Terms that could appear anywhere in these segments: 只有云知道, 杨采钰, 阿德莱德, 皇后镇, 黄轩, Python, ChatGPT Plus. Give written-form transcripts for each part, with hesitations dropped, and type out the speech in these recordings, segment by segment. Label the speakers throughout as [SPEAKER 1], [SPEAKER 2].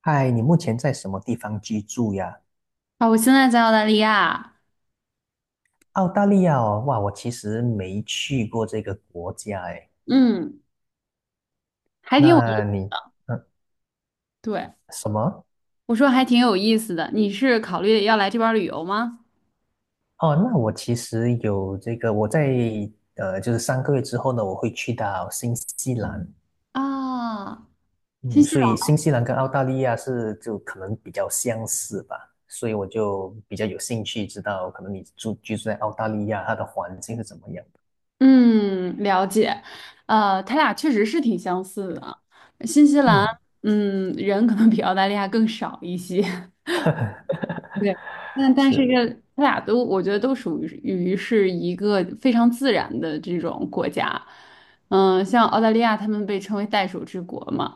[SPEAKER 1] 嗨，你目前在什么地方居住呀？
[SPEAKER 2] 啊，我现在在澳大利亚。
[SPEAKER 1] 澳大利亚哦，哇，我其实没去过这个国家哎。
[SPEAKER 2] 嗯，还挺有意
[SPEAKER 1] 那
[SPEAKER 2] 思。
[SPEAKER 1] 你，嗯，
[SPEAKER 2] 对，
[SPEAKER 1] 什么？
[SPEAKER 2] 我说还挺有意思的。你是考虑要来这边儿旅游吗？
[SPEAKER 1] 哦，那我其实有这个，我在就是三个月之后呢，我会去到新西兰。
[SPEAKER 2] 啊，新
[SPEAKER 1] 嗯，
[SPEAKER 2] 西
[SPEAKER 1] 所
[SPEAKER 2] 兰。
[SPEAKER 1] 以新西兰跟澳大利亚是就可能比较相似吧，所以我就比较有兴趣知道，可能你居住在澳大利亚，它的环境是怎么样的。
[SPEAKER 2] 嗯，了解。他俩确实是挺相似的。新西兰。
[SPEAKER 1] 嗯，
[SPEAKER 2] 嗯，人可能比澳大利亚更少一些。对，但是
[SPEAKER 1] 是，
[SPEAKER 2] 这他俩都，我觉得都属于是一个非常自然的这种国家。嗯，像澳大利亚，他们被称为袋鼠之国嘛，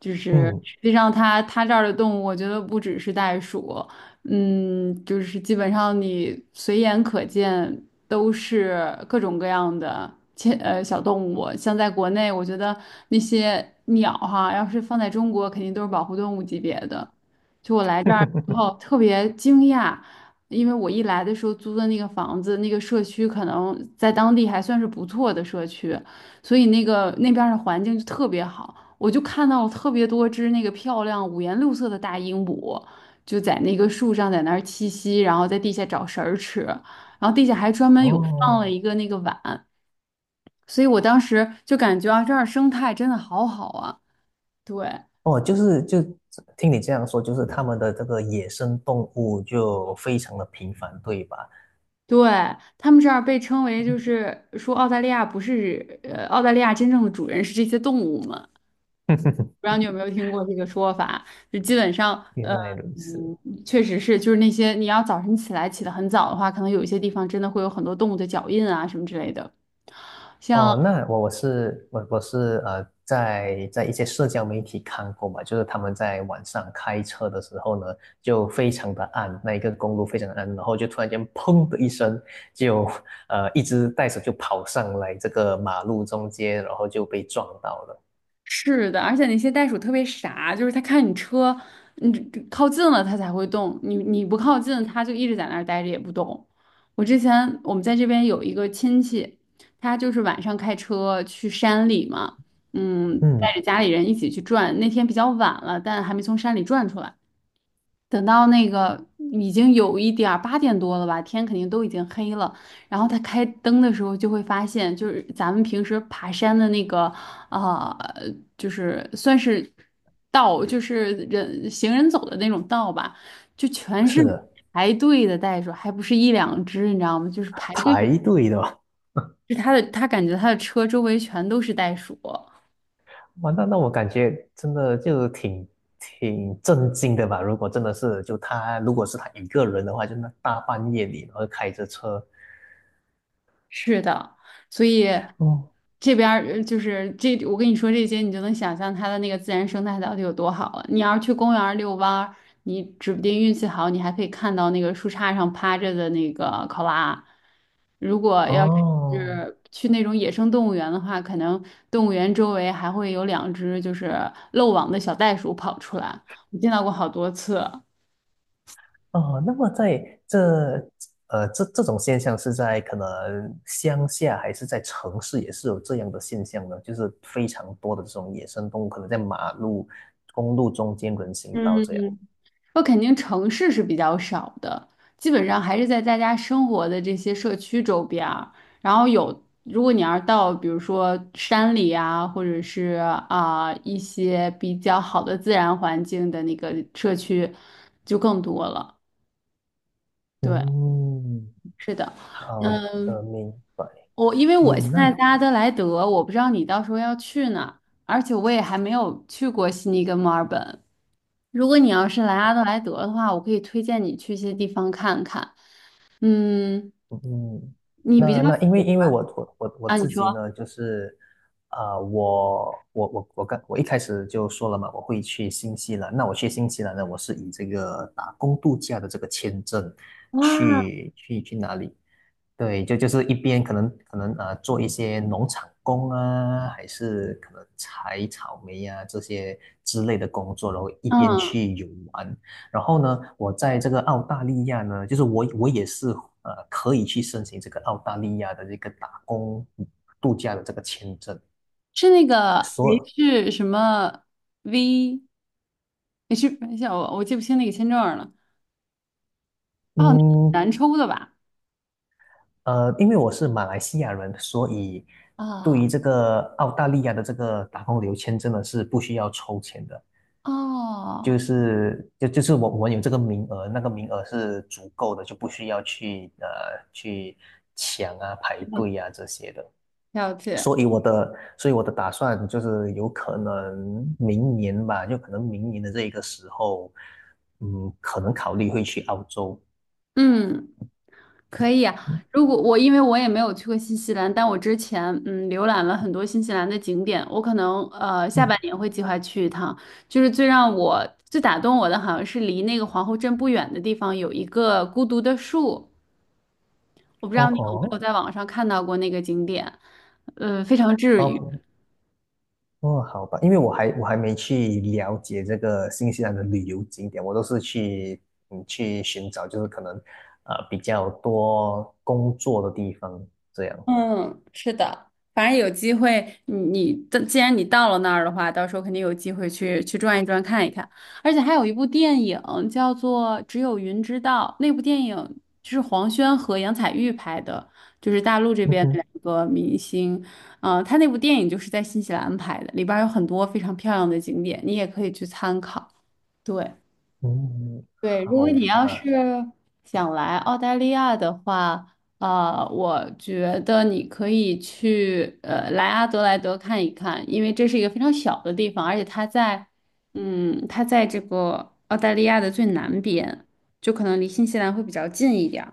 [SPEAKER 2] 就是
[SPEAKER 1] 嗯，
[SPEAKER 2] 实际上它这儿的动物，我觉得不只是袋鼠。嗯，就是基本上你随眼可见都是各种各样的小动物。像在国内，我觉得那些鸟哈，要是放在中国，肯定都是保护动物级别的。就我来这儿。然后特别惊讶，因为我一来的时候租的那个房子，那个社区可能在当地还算是不错的社区，所以那个那边儿的环境就特别好。我就看到了特别多只那个漂亮五颜六色的大鹦鹉，就在那个树上在那儿栖息，然后在地下找食儿吃，然后地下还专门有放了
[SPEAKER 1] 哦。
[SPEAKER 2] 一个那个碗，所以我当时就感觉啊，这儿生态真的好好啊。对。
[SPEAKER 1] 哦，就是就听你这样说，就是他们的这个野生动物就非常的频繁，对吧？
[SPEAKER 2] 对，他们这儿被称为，就是说澳大利亚不是，澳大利亚真正的主人是这些动物们。不知 道你有没有听过这个说法？就基本上，
[SPEAKER 1] 原
[SPEAKER 2] 呃，
[SPEAKER 1] 来如此。
[SPEAKER 2] 嗯，确实是，就是那些你要早晨起来起得很早的话，可能有一些地方真的会有很多动物的脚印啊什么之类的。
[SPEAKER 1] 哦，
[SPEAKER 2] 像。
[SPEAKER 1] 那我我是我我是呃，在一些社交媒体看过嘛，就是他们在晚上开车的时候呢，就非常的暗，那一个公路非常的暗，然后就突然间砰的一声，就一只袋鼠就跑上来这个马路中间，然后就被撞到了。
[SPEAKER 2] 是的，而且那些袋鼠特别傻，就是它看你车，你靠近了它才会动，你不靠近，它就一直在那儿待着也不动。我之前我们在这边有一个亲戚，他就是晚上开车去山里嘛。嗯，带
[SPEAKER 1] 嗯，
[SPEAKER 2] 着家里人一起去转，那天比较晚了，但还没从山里转出来。等到那个已经有一点儿8点多了吧，天肯定都已经黑了。然后他开灯的时候，就会发现，就是咱们平时爬山的那个，啊，就是算是道，就是人走的那种道吧，就全是
[SPEAKER 1] 是的，
[SPEAKER 2] 排队的袋鼠，还不是一两只，你知道吗？就是排队的，
[SPEAKER 1] 排队的。
[SPEAKER 2] 是他的，他感觉他的车周围全都是袋鼠。
[SPEAKER 1] 哇，那我感觉真的就挺震惊的吧？如果真的是就他，如果是他一个人的话，就那大半夜里，然后开着车，
[SPEAKER 2] 是的，所以
[SPEAKER 1] 哦
[SPEAKER 2] 这边儿就是这，我跟你说这些，你就能想象它的那个自然生态到底有多好了。你要是去公园儿遛弯儿，你指不定运气好，你还可以看到那个树杈上趴着的那个考拉。如果要
[SPEAKER 1] 哦
[SPEAKER 2] 是去那种野生动物园的话，可能动物园周围还会有两只就是漏网的小袋鼠跑出来，我见到过好多次。
[SPEAKER 1] 哦。那么在这呃这这种现象是在可能乡下还是在城市也是有这样的现象呢？就是非常多的这种野生动物，可能在马路、公路中间、人行道这样。
[SPEAKER 2] 嗯，我肯定城市是比较少的，基本上还是在大家生活的这些社区周边儿，然后有，如果你要是到比如说山里啊，或者是啊、一些比较好的自然环境的那个社区，就更多了。对，
[SPEAKER 1] 嗯，
[SPEAKER 2] 是的。
[SPEAKER 1] 好
[SPEAKER 2] 嗯，
[SPEAKER 1] 的，明白。
[SPEAKER 2] 我因为我
[SPEAKER 1] 嗯，
[SPEAKER 2] 现在在阿德莱德，我不知道你到时候要去哪，而且我也还没有去过悉尼跟墨尔本。如果你要是来阿德莱德的话，我可以推荐你去一些地方看看。嗯，
[SPEAKER 1] 嗯，
[SPEAKER 2] 你比较
[SPEAKER 1] 那因为
[SPEAKER 2] 喜
[SPEAKER 1] 因为我
[SPEAKER 2] 啊？你
[SPEAKER 1] 自
[SPEAKER 2] 说
[SPEAKER 1] 己呢，就是我一开始就说了嘛，我会去新西兰。那我去新西兰呢，我是以这个打工度假的这个签证
[SPEAKER 2] 哇？
[SPEAKER 1] 去哪里？对，就是一边可能做一些农场工啊，还是可能采草莓呀、这些之类的工作，然后一边
[SPEAKER 2] 嗯，
[SPEAKER 1] 去游玩。然后呢，我在这个澳大利亚呢，就是我也是可以去申请这个澳大利亚的这个打工度假的这个签证。
[SPEAKER 2] 是那个
[SPEAKER 1] 所
[SPEAKER 2] H 什么 V H？等一下，我记不清那个签证了。哦，那个很
[SPEAKER 1] 嗯
[SPEAKER 2] 难抽的吧？
[SPEAKER 1] 因为我是马来西亚人，所以对
[SPEAKER 2] 啊，
[SPEAKER 1] 于这个澳大利亚的这个打工旅游签证呢是不需要抽签的。就
[SPEAKER 2] 哦，
[SPEAKER 1] 是就就是我们有这个名额，那个名额是足够的，就不需要去抢啊、排队啊这些的。
[SPEAKER 2] 了解。
[SPEAKER 1] 所以我的打算就是有可能明年吧，就可能明年的这一个时候，嗯，可能考虑会去澳洲。
[SPEAKER 2] 嗯，可以啊，
[SPEAKER 1] 嗯
[SPEAKER 2] 如果我因为我也没有去过新西兰，但我之前浏览了很多新西兰的景点，我可能下半
[SPEAKER 1] 嗯，
[SPEAKER 2] 年会计划去一趟。就是最打动我的，好像是离那个皇后镇不远的地方有一个孤独的树，我不知
[SPEAKER 1] 哦
[SPEAKER 2] 道你有没有
[SPEAKER 1] 吼，
[SPEAKER 2] 在网上看到过那个景点。非常治愈。
[SPEAKER 1] 哦，哦，好吧，因为我还没去了解这个新西兰的旅游景点，我都是去寻找，就是可能比较多工作的地方这样。
[SPEAKER 2] 嗯，是的，反正有机会，你你的既然你到了那儿的话，到时候肯定有机会去转一转看一看。而且还有一部电影叫做《只有云知道》，那部电影就是黄轩和杨采钰拍的，就是大陆这
[SPEAKER 1] 嗯
[SPEAKER 2] 边的
[SPEAKER 1] 哼，
[SPEAKER 2] 两个明星。嗯、他那部电影就是在新西兰拍的，里边儿有很多非常漂亮的景点，你也可以去参考。对。
[SPEAKER 1] 嗯，
[SPEAKER 2] 对，如果
[SPEAKER 1] 好
[SPEAKER 2] 你
[SPEAKER 1] 吧，
[SPEAKER 2] 要是想来澳大利亚的话，我觉得你可以来阿德莱德看一看，因为这是一个非常小的地方，而且它在，这个澳大利亚的最南边，就可能离新西兰会比较近一点儿。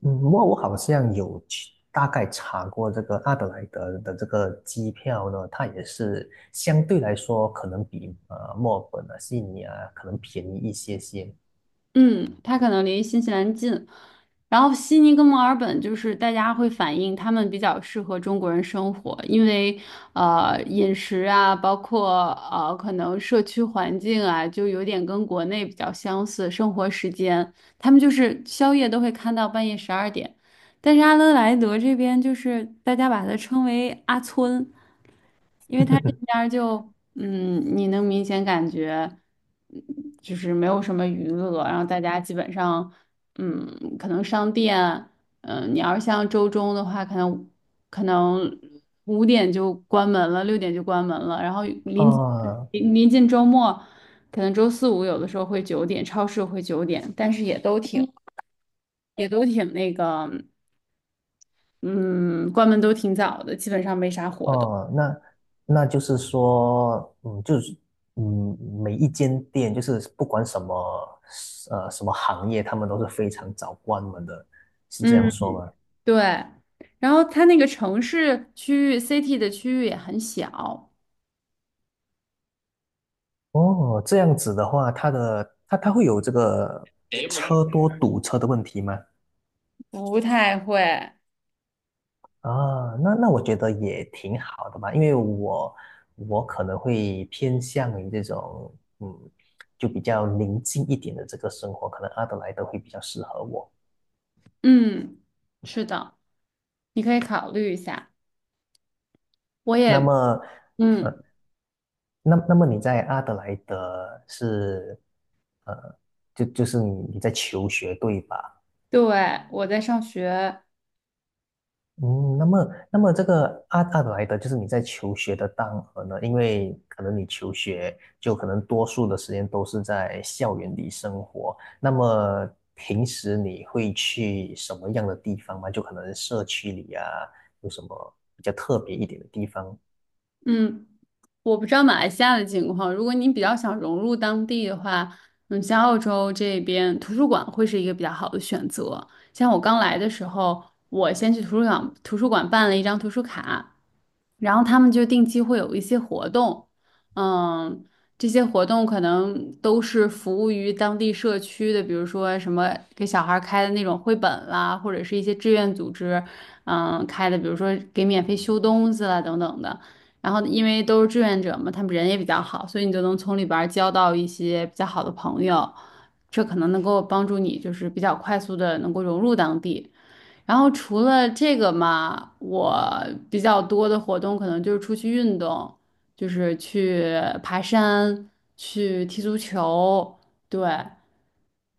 [SPEAKER 1] 嗯，我好像有去大概查过这个阿德莱德的这个机票呢，它也是相对来说可能比墨尔本啊、悉尼啊可能便宜一些些。
[SPEAKER 2] 嗯，它可能离新西兰近，然后悉尼跟墨尔本就是大家会反映他们比较适合中国人生活，因为饮食啊，包括可能社区环境啊，就有点跟国内比较相似，生活时间他们就是宵夜都会看到半夜12点，但是阿德莱德这边就是大家把它称为阿村。因为它这 边儿就，你能明显感觉，嗯就是没有什么娱乐，然后大家基本上，可能商店，你要是像周中的话，可能5点就关门了，6点就关门了，然后临
[SPEAKER 1] 啊，
[SPEAKER 2] 临临近周末，可能周四五有的时候会九点，超市会九点，但是也都挺那个，嗯，关门都挺早的，基本上没啥活动。
[SPEAKER 1] 哦，那就是说，嗯，就是嗯，每一间店就是不管什么行业，他们都是非常早关门的，是这样
[SPEAKER 2] 嗯。
[SPEAKER 1] 说吗？
[SPEAKER 2] 对，然后它那个城市区域 city 的区域也很小，
[SPEAKER 1] 哦，这样子的话，它的它它会有这个车多堵车的问题吗？
[SPEAKER 2] 不太会。
[SPEAKER 1] 啊，那我觉得也挺好的吧，因为我可能会偏向于这种嗯，就比较宁静一点的这个生活，可能阿德莱德会比较适合我。
[SPEAKER 2] 嗯，是的，你可以考虑一下。我
[SPEAKER 1] 那
[SPEAKER 2] 也，
[SPEAKER 1] 么，呃，
[SPEAKER 2] 嗯，
[SPEAKER 1] 那么你在阿德莱德是，呃，就是你在求学对吧？
[SPEAKER 2] 对，我在上学。
[SPEAKER 1] 嗯，那么这个阿德莱德就是你在求学的当儿呢，因为可能你求学就可能多数的时间都是在校园里生活，那么平时你会去什么样的地方吗？就可能社区里啊，有什么比较特别一点的地方？
[SPEAKER 2] 嗯，我不知道马来西亚的情况，如果你比较想融入当地的话，嗯，像澳洲这边图书馆会是一个比较好的选择。像我刚来的时候，我先去图书馆办了一张图书卡，然后他们就定期会有一些活动。嗯，这些活动可能都是服务于当地社区的，比如说什么给小孩儿开的那种绘本啦，或者是一些志愿组织，嗯，开的，比如说给免费修东西啦等等的。然后因为都是志愿者嘛，他们人也比较好，所以你就能从里边儿交到一些比较好的朋友，这可能能够帮助你就是比较快速的能够融入当地。然后除了这个嘛，我比较多的活动可能就是出去运动，就是去爬山，去踢足球，对。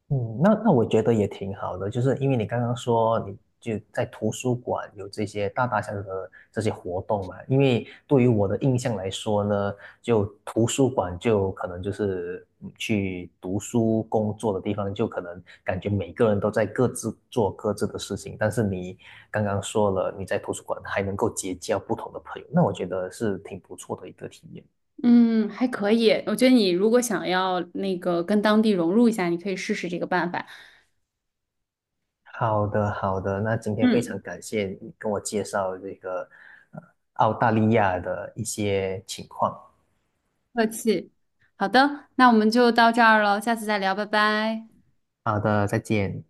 [SPEAKER 1] 嗯，那我觉得也挺好的，就是因为你刚刚说你就在图书馆有这些大大小小的这些活动嘛，因为对于我的印象来说呢，就图书馆就可能就是去读书工作的地方，就可能感觉每个人都在各自做各自的事情，但是你刚刚说了你在图书馆还能够结交不同的朋友，那我觉得是挺不错的一个体验。
[SPEAKER 2] 嗯，还可以。我觉得你如果想要那个跟当地融入一下，你可以试试这个办法。
[SPEAKER 1] 好的，好的。那今天非
[SPEAKER 2] 嗯。
[SPEAKER 1] 常感谢你跟我介绍这个呃澳大利亚的一些情况。
[SPEAKER 2] 客气。好的，那我们就到这儿了，下次再聊，拜拜。
[SPEAKER 1] 好的，再见。